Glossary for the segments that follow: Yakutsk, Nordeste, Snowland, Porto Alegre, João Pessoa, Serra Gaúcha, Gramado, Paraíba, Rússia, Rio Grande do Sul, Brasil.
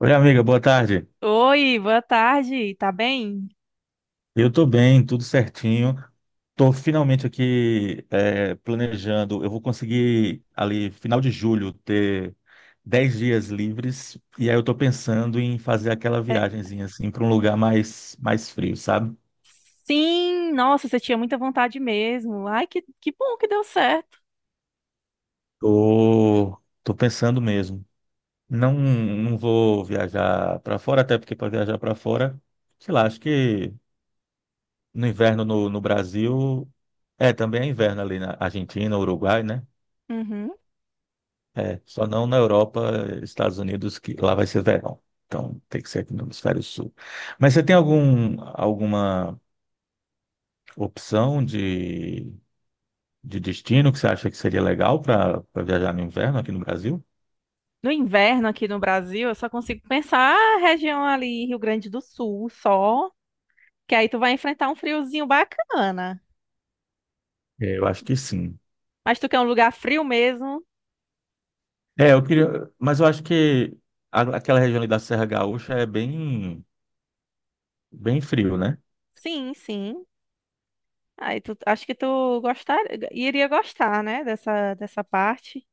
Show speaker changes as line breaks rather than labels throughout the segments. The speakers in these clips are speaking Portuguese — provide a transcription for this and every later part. Oi, amiga, boa tarde.
Oi, boa tarde, tá bem?
Eu tô bem, tudo certinho. Tô finalmente aqui planejando. Eu vou conseguir ali, final de julho, ter 10 dias livres. E aí eu tô pensando em fazer aquela
É,
viagenzinha assim para um lugar mais frio, sabe?
sim, nossa, você tinha muita vontade mesmo. Ai, que bom que deu certo.
Tô, tô pensando mesmo. Não, não vou viajar para fora, até porque para viajar para fora, sei lá, acho que no inverno no Brasil, também é inverno ali na Argentina, Uruguai, né?
Uhum.
É, só não na Europa, Estados Unidos, que lá vai ser verão. Então tem que ser aqui no hemisfério sul. Mas você tem alguma opção de destino que você acha que seria legal para viajar no inverno aqui no Brasil?
No inverno aqui no Brasil, eu só consigo pensar a região ali, Rio Grande do Sul, só, que aí tu vai enfrentar um friozinho bacana.
É, eu acho que sim.
Mas tu quer um lugar frio mesmo?
É, eu queria, mas eu acho que aquela região ali da Serra Gaúcha é bem, bem frio, né?
Sim, sim. Aí tu, acho que tu iria gostar, né, dessa parte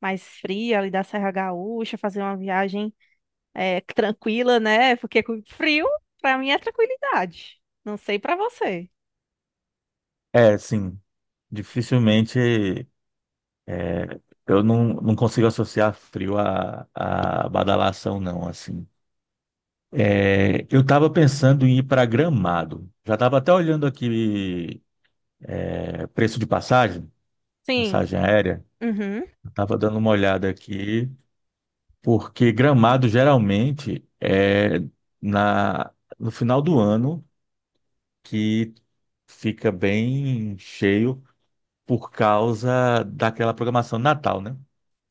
mais fria ali da Serra Gaúcha, fazer uma viagem tranquila, né? Porque com frio, pra mim, é tranquilidade. Não sei pra você.
É, sim. Dificilmente é, eu não consigo associar frio a badalação, não, assim. É, eu estava pensando em ir para Gramado. Já estava até olhando aqui, preço de
Sim.
passagem aérea.
Uhum.
Estava dando uma olhada aqui, porque Gramado geralmente é na, no final do ano que fica bem cheio por causa daquela programação de Natal, né?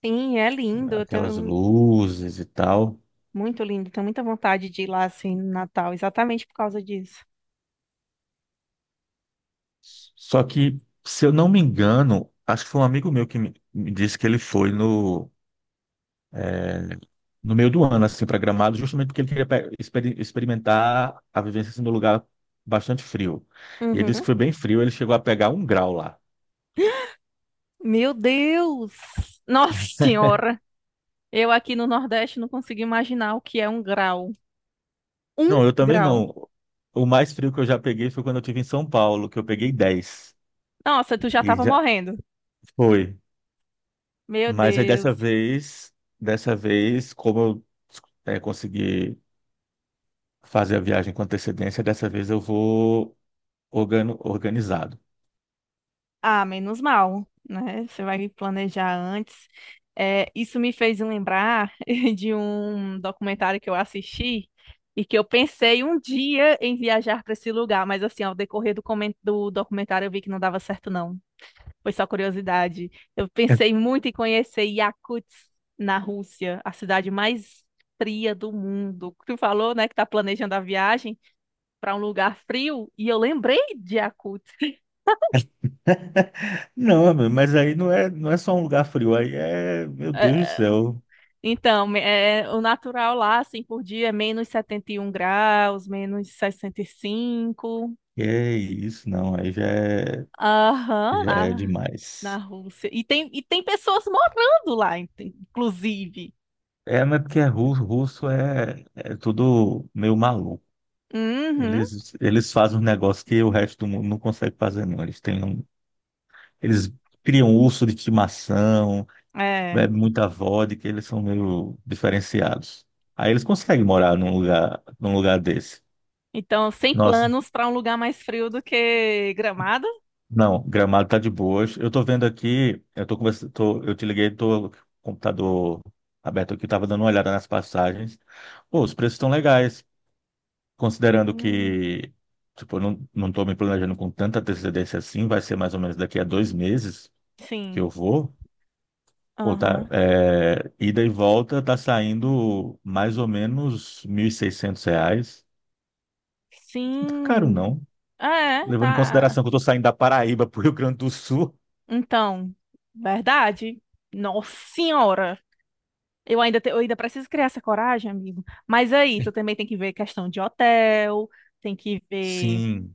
Sim, é lindo. Eu
Aquelas
tenho.
luzes e tal.
Muito lindo. Tenho muita vontade de ir lá, assim, no Natal, exatamente por causa disso.
Só que, se eu não me engano, acho que foi um amigo meu que me disse que ele foi no meio do ano, assim, para Gramado, justamente porque ele queria experimentar a vivência assim, num lugar bastante frio. E ele disse que
Uhum.
foi bem frio, ele chegou a pegar um grau lá.
Meu Deus! Nossa Senhora! Eu aqui no Nordeste não consigo imaginar o que é 1 grau. Um
Não, eu também
grau.
não. O mais frio que eu já peguei foi quando eu estive em São Paulo, que eu peguei 10.
Nossa, tu já
E
tava
já
morrendo.
foi.
Meu
Mas aí
Deus.
dessa vez, como eu consegui fazer a viagem com antecedência, dessa vez eu vou organizado.
Ah, menos mal, né? Você vai planejar antes. É, isso me fez lembrar de um documentário que eu assisti e que eu pensei um dia em viajar para esse lugar, mas assim, ao decorrer do documentário eu vi que não dava certo, não. Foi só curiosidade. Eu pensei muito em conhecer Yakutsk, na Rússia, a cidade mais fria do mundo. Tu falou, né, que tá planejando a viagem para um lugar frio e eu lembrei de Yakutsk.
Não, meu, mas aí não é só um lugar frio, aí é, meu Deus do céu,
Então, o natural lá, assim, por dia é -71 graus, -65.
que é isso, não, aí
Aham,
já é
na
demais.
Rússia. E tem pessoas morando lá, inclusive.
É, mas porque é russo, russo é tudo meio maluco.
Uhum,
Eles fazem um negócio que o resto do mundo não consegue fazer, não. Eles criam um urso de estimação,
é.
bebem muita vodka, eles são meio diferenciados. Aí eles conseguem morar num lugar desse.
Então, sem
Nossa.
planos para um lugar mais frio do que Gramado?
Não, Gramado tá de boas. Eu tô vendo aqui, eu tô conversando, eu te liguei, tô com o computador aberto aqui, tava dando uma olhada nas passagens. Pô, os preços estão legais, considerando
Hum,
que, tipo, eu não tô me planejando com tanta antecedência assim, vai ser mais ou menos daqui a 2 meses que
sim.
eu vou. Pô, tá,
Aham.
ida e volta tá saindo mais ou menos R$ 1.600. Não tá caro,
Sim.
não.
É,
Levando em
tá.
consideração que eu tô saindo da Paraíba pro Rio Grande do Sul.
Então, verdade. Nossa senhora. Eu ainda preciso criar essa coragem, amigo. Mas aí, tu também tem que ver questão de hotel, tem que ver,
Sim,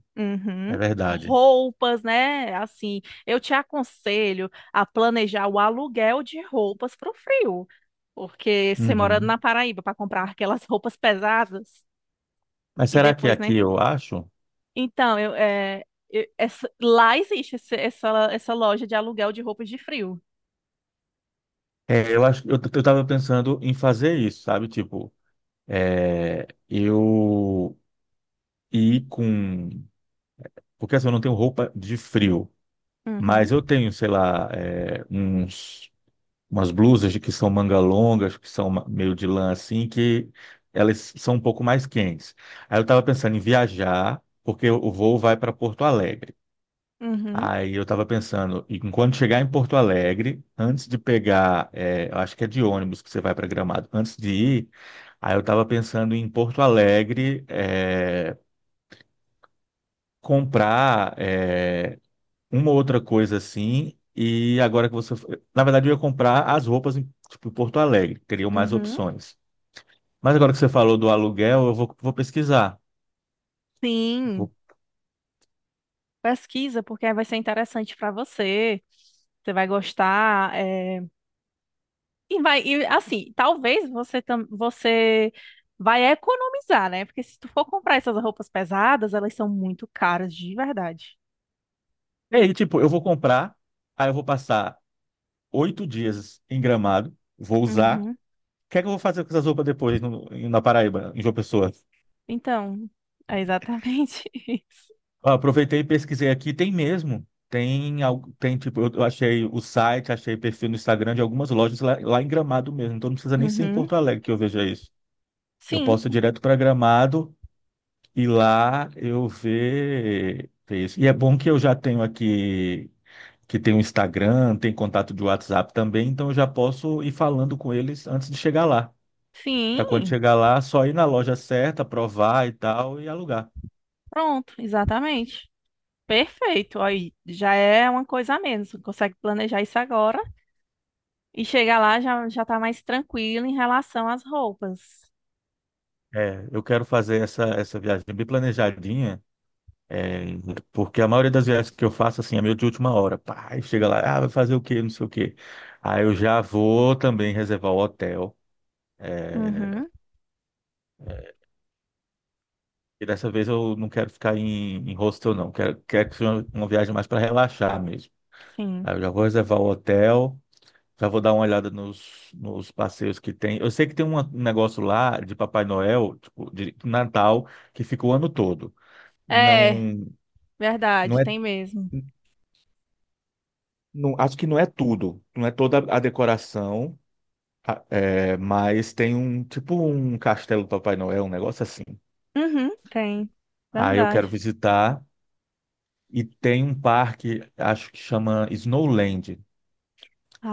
é
uhum,
verdade.
roupas, né? Assim, eu te aconselho a planejar o aluguel de roupas pro frio. Porque você morando
Uhum.
na Paraíba para comprar aquelas roupas pesadas
Mas
e
será que
depois,
aqui
né?
eu acho?
Então, eu, é, eu- essa- lá existe essa loja de aluguel de roupas de frio.
É, eu acho, eu tava pensando em fazer isso, sabe? Tipo, eu ir com, porque assim, eu não tenho roupa de frio, mas
Uhum,
eu tenho, sei lá, umas blusas de que são manga longas, que são meio de lã assim, que elas são um pouco mais quentes. Aí eu tava pensando em viajar, porque o voo vai para Porto Alegre.
uhum,
Aí eu estava pensando, e quando chegar em Porto Alegre, antes de pegar, eu acho que é de ônibus que você vai para Gramado, antes de ir, aí eu estava pensando em Porto Alegre, comprar, uma ou outra coisa assim, e agora que você. Na verdade, eu ia comprar as roupas em, tipo, em Porto Alegre, teriam mais
uhum.
opções. Mas agora que você falou do aluguel, eu vou pesquisar.
Sim.
Vou...
Pesquisa, porque aí vai ser interessante para você. Você vai gostar. E vai, e, assim, talvez você vai economizar, né? Porque se tu for comprar essas roupas pesadas, elas são muito caras de verdade.
E aí, tipo, eu vou comprar, aí eu vou passar 8 dias em Gramado, vou usar.
Uhum.
Que é que eu vou fazer com essas roupas depois na Paraíba, em João Pessoa?
Então, é exatamente isso.
Ah, aproveitei e pesquisei aqui, tem mesmo. Tem tipo, eu achei o site, achei perfil no Instagram de algumas lojas lá em Gramado mesmo. Então não precisa nem ser em
Uhum.
Porto Alegre que eu veja isso. Eu
Sim,
posso ir direto para Gramado e lá eu ver isso. E é bom que eu já tenho aqui, que tem o Instagram, tem contato de WhatsApp também, então eu já posso ir falando com eles antes de chegar lá. Para quando
sim.
chegar lá, só ir na loja certa, provar e tal e alugar.
Pronto, exatamente. Perfeito. Aí já é uma coisa a menos. Você consegue planejar isso agora e chegar lá já, já tá mais tranquilo em relação às roupas.
É, eu quero fazer essa viagem bem planejadinha, é, porque a maioria das viagens que eu faço, assim, é meio de última hora. Pá, aí chega lá, ah, vai fazer o quê, não sei o quê. Aí eu já vou também reservar o hotel. É,
Uhum,
e dessa vez eu não quero ficar em hostel, não. Quero que seja uma viagem mais para relaxar mesmo.
sim.
Aí eu já vou reservar o hotel, já vou dar uma olhada nos passeios que tem. Eu sei que tem um negócio lá de Papai Noel, tipo, de Natal, que fica o ano todo.
É,
Não, não
verdade,
é.
tem mesmo.
Não, acho que não é tudo, não é toda a decoração, mas tem um tipo um castelo do Papai Noel, um negócio assim.
Uhum, tem.
Aí eu quero
Verdade.
visitar e tem um parque, acho que chama Snowland,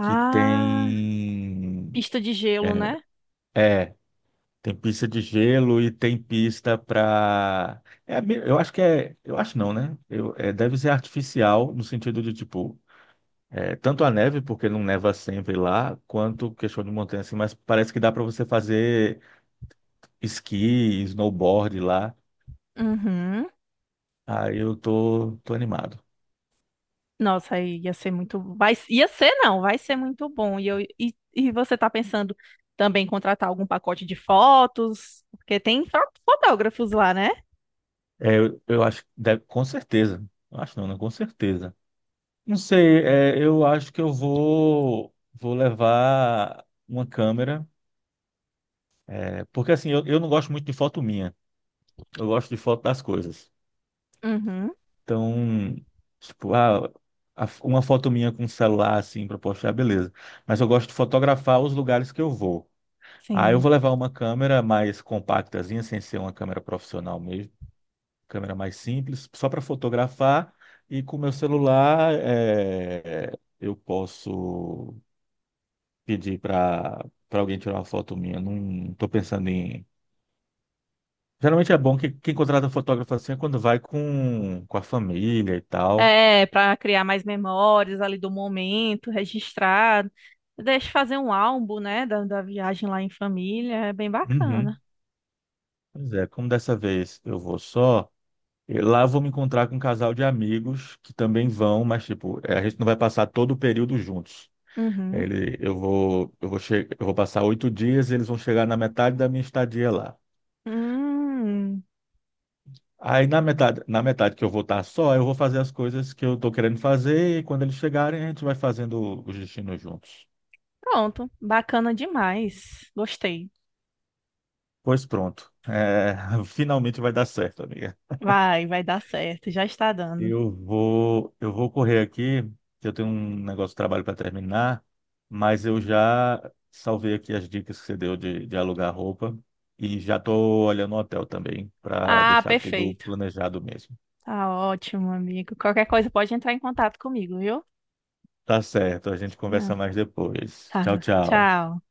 que tem
pista de gelo, né?
é, é, tem pista de gelo e tem pista para eu acho que é, eu acho não, né? Deve ser artificial no sentido de tipo é, tanto a neve, porque não neva sempre lá, quanto questão de montanha, assim, mas parece que dá para você fazer esqui, snowboard lá.
Uhum.
Aí eu tô animado.
Nossa, aí ia ser muito. Ia ser, não, vai ser muito bom. E você tá pensando também em contratar algum pacote de fotos? Porque tem fotógrafos lá, né?
É, eu acho, que deve, com certeza. Eu acho não, né? Com certeza. Não sei, eu acho que eu vou levar uma câmera, porque assim, eu não gosto muito de foto minha, eu gosto de foto das coisas.
Uhum,
Então, tipo, ah, uma foto minha com o celular, assim, pra postar, beleza. Mas eu gosto de fotografar os lugares que eu vou. Ah, eu
sim.
vou levar uma câmera mais compactazinha, sem ser uma câmera profissional mesmo, câmera mais simples, só para fotografar. E com o meu celular, eu posso pedir para alguém tirar uma foto minha. Não estou pensando em. Geralmente é bom que quem contrata fotógrafo assim é quando vai com a família e tal.
É, para criar mais memórias ali do momento, registrar. Deixa fazer um álbum, né, da viagem lá em família, é bem
Uhum.
bacana.
Pois é, como dessa vez eu vou só, lá eu vou me encontrar com um casal de amigos que também vão, mas tipo, a gente não vai passar todo o período juntos.
Uhum.
Ele, eu vou, che- eu vou passar 8 dias, eles vão chegar na metade da minha estadia lá.
Hum,
Aí na na metade que eu vou estar só, eu vou fazer as coisas que eu estou querendo fazer e quando eles chegarem a gente vai fazendo os destinos juntos.
pronto, bacana demais. Gostei.
Pois pronto, finalmente vai dar certo, amiga.
Vai dar certo, já está dando.
Eu vou correr aqui, que eu tenho um negócio de trabalho para terminar, mas eu já salvei aqui as dicas que você deu de alugar roupa e já estou olhando o hotel também para
Ah,
deixar tudo
perfeito.
planejado mesmo.
Tá ótimo, amigo. Qualquer coisa pode entrar em contato comigo, viu?
Tá certo, a gente
Ah,
conversa mais depois. Tchau,
tá,
tchau.
tchau.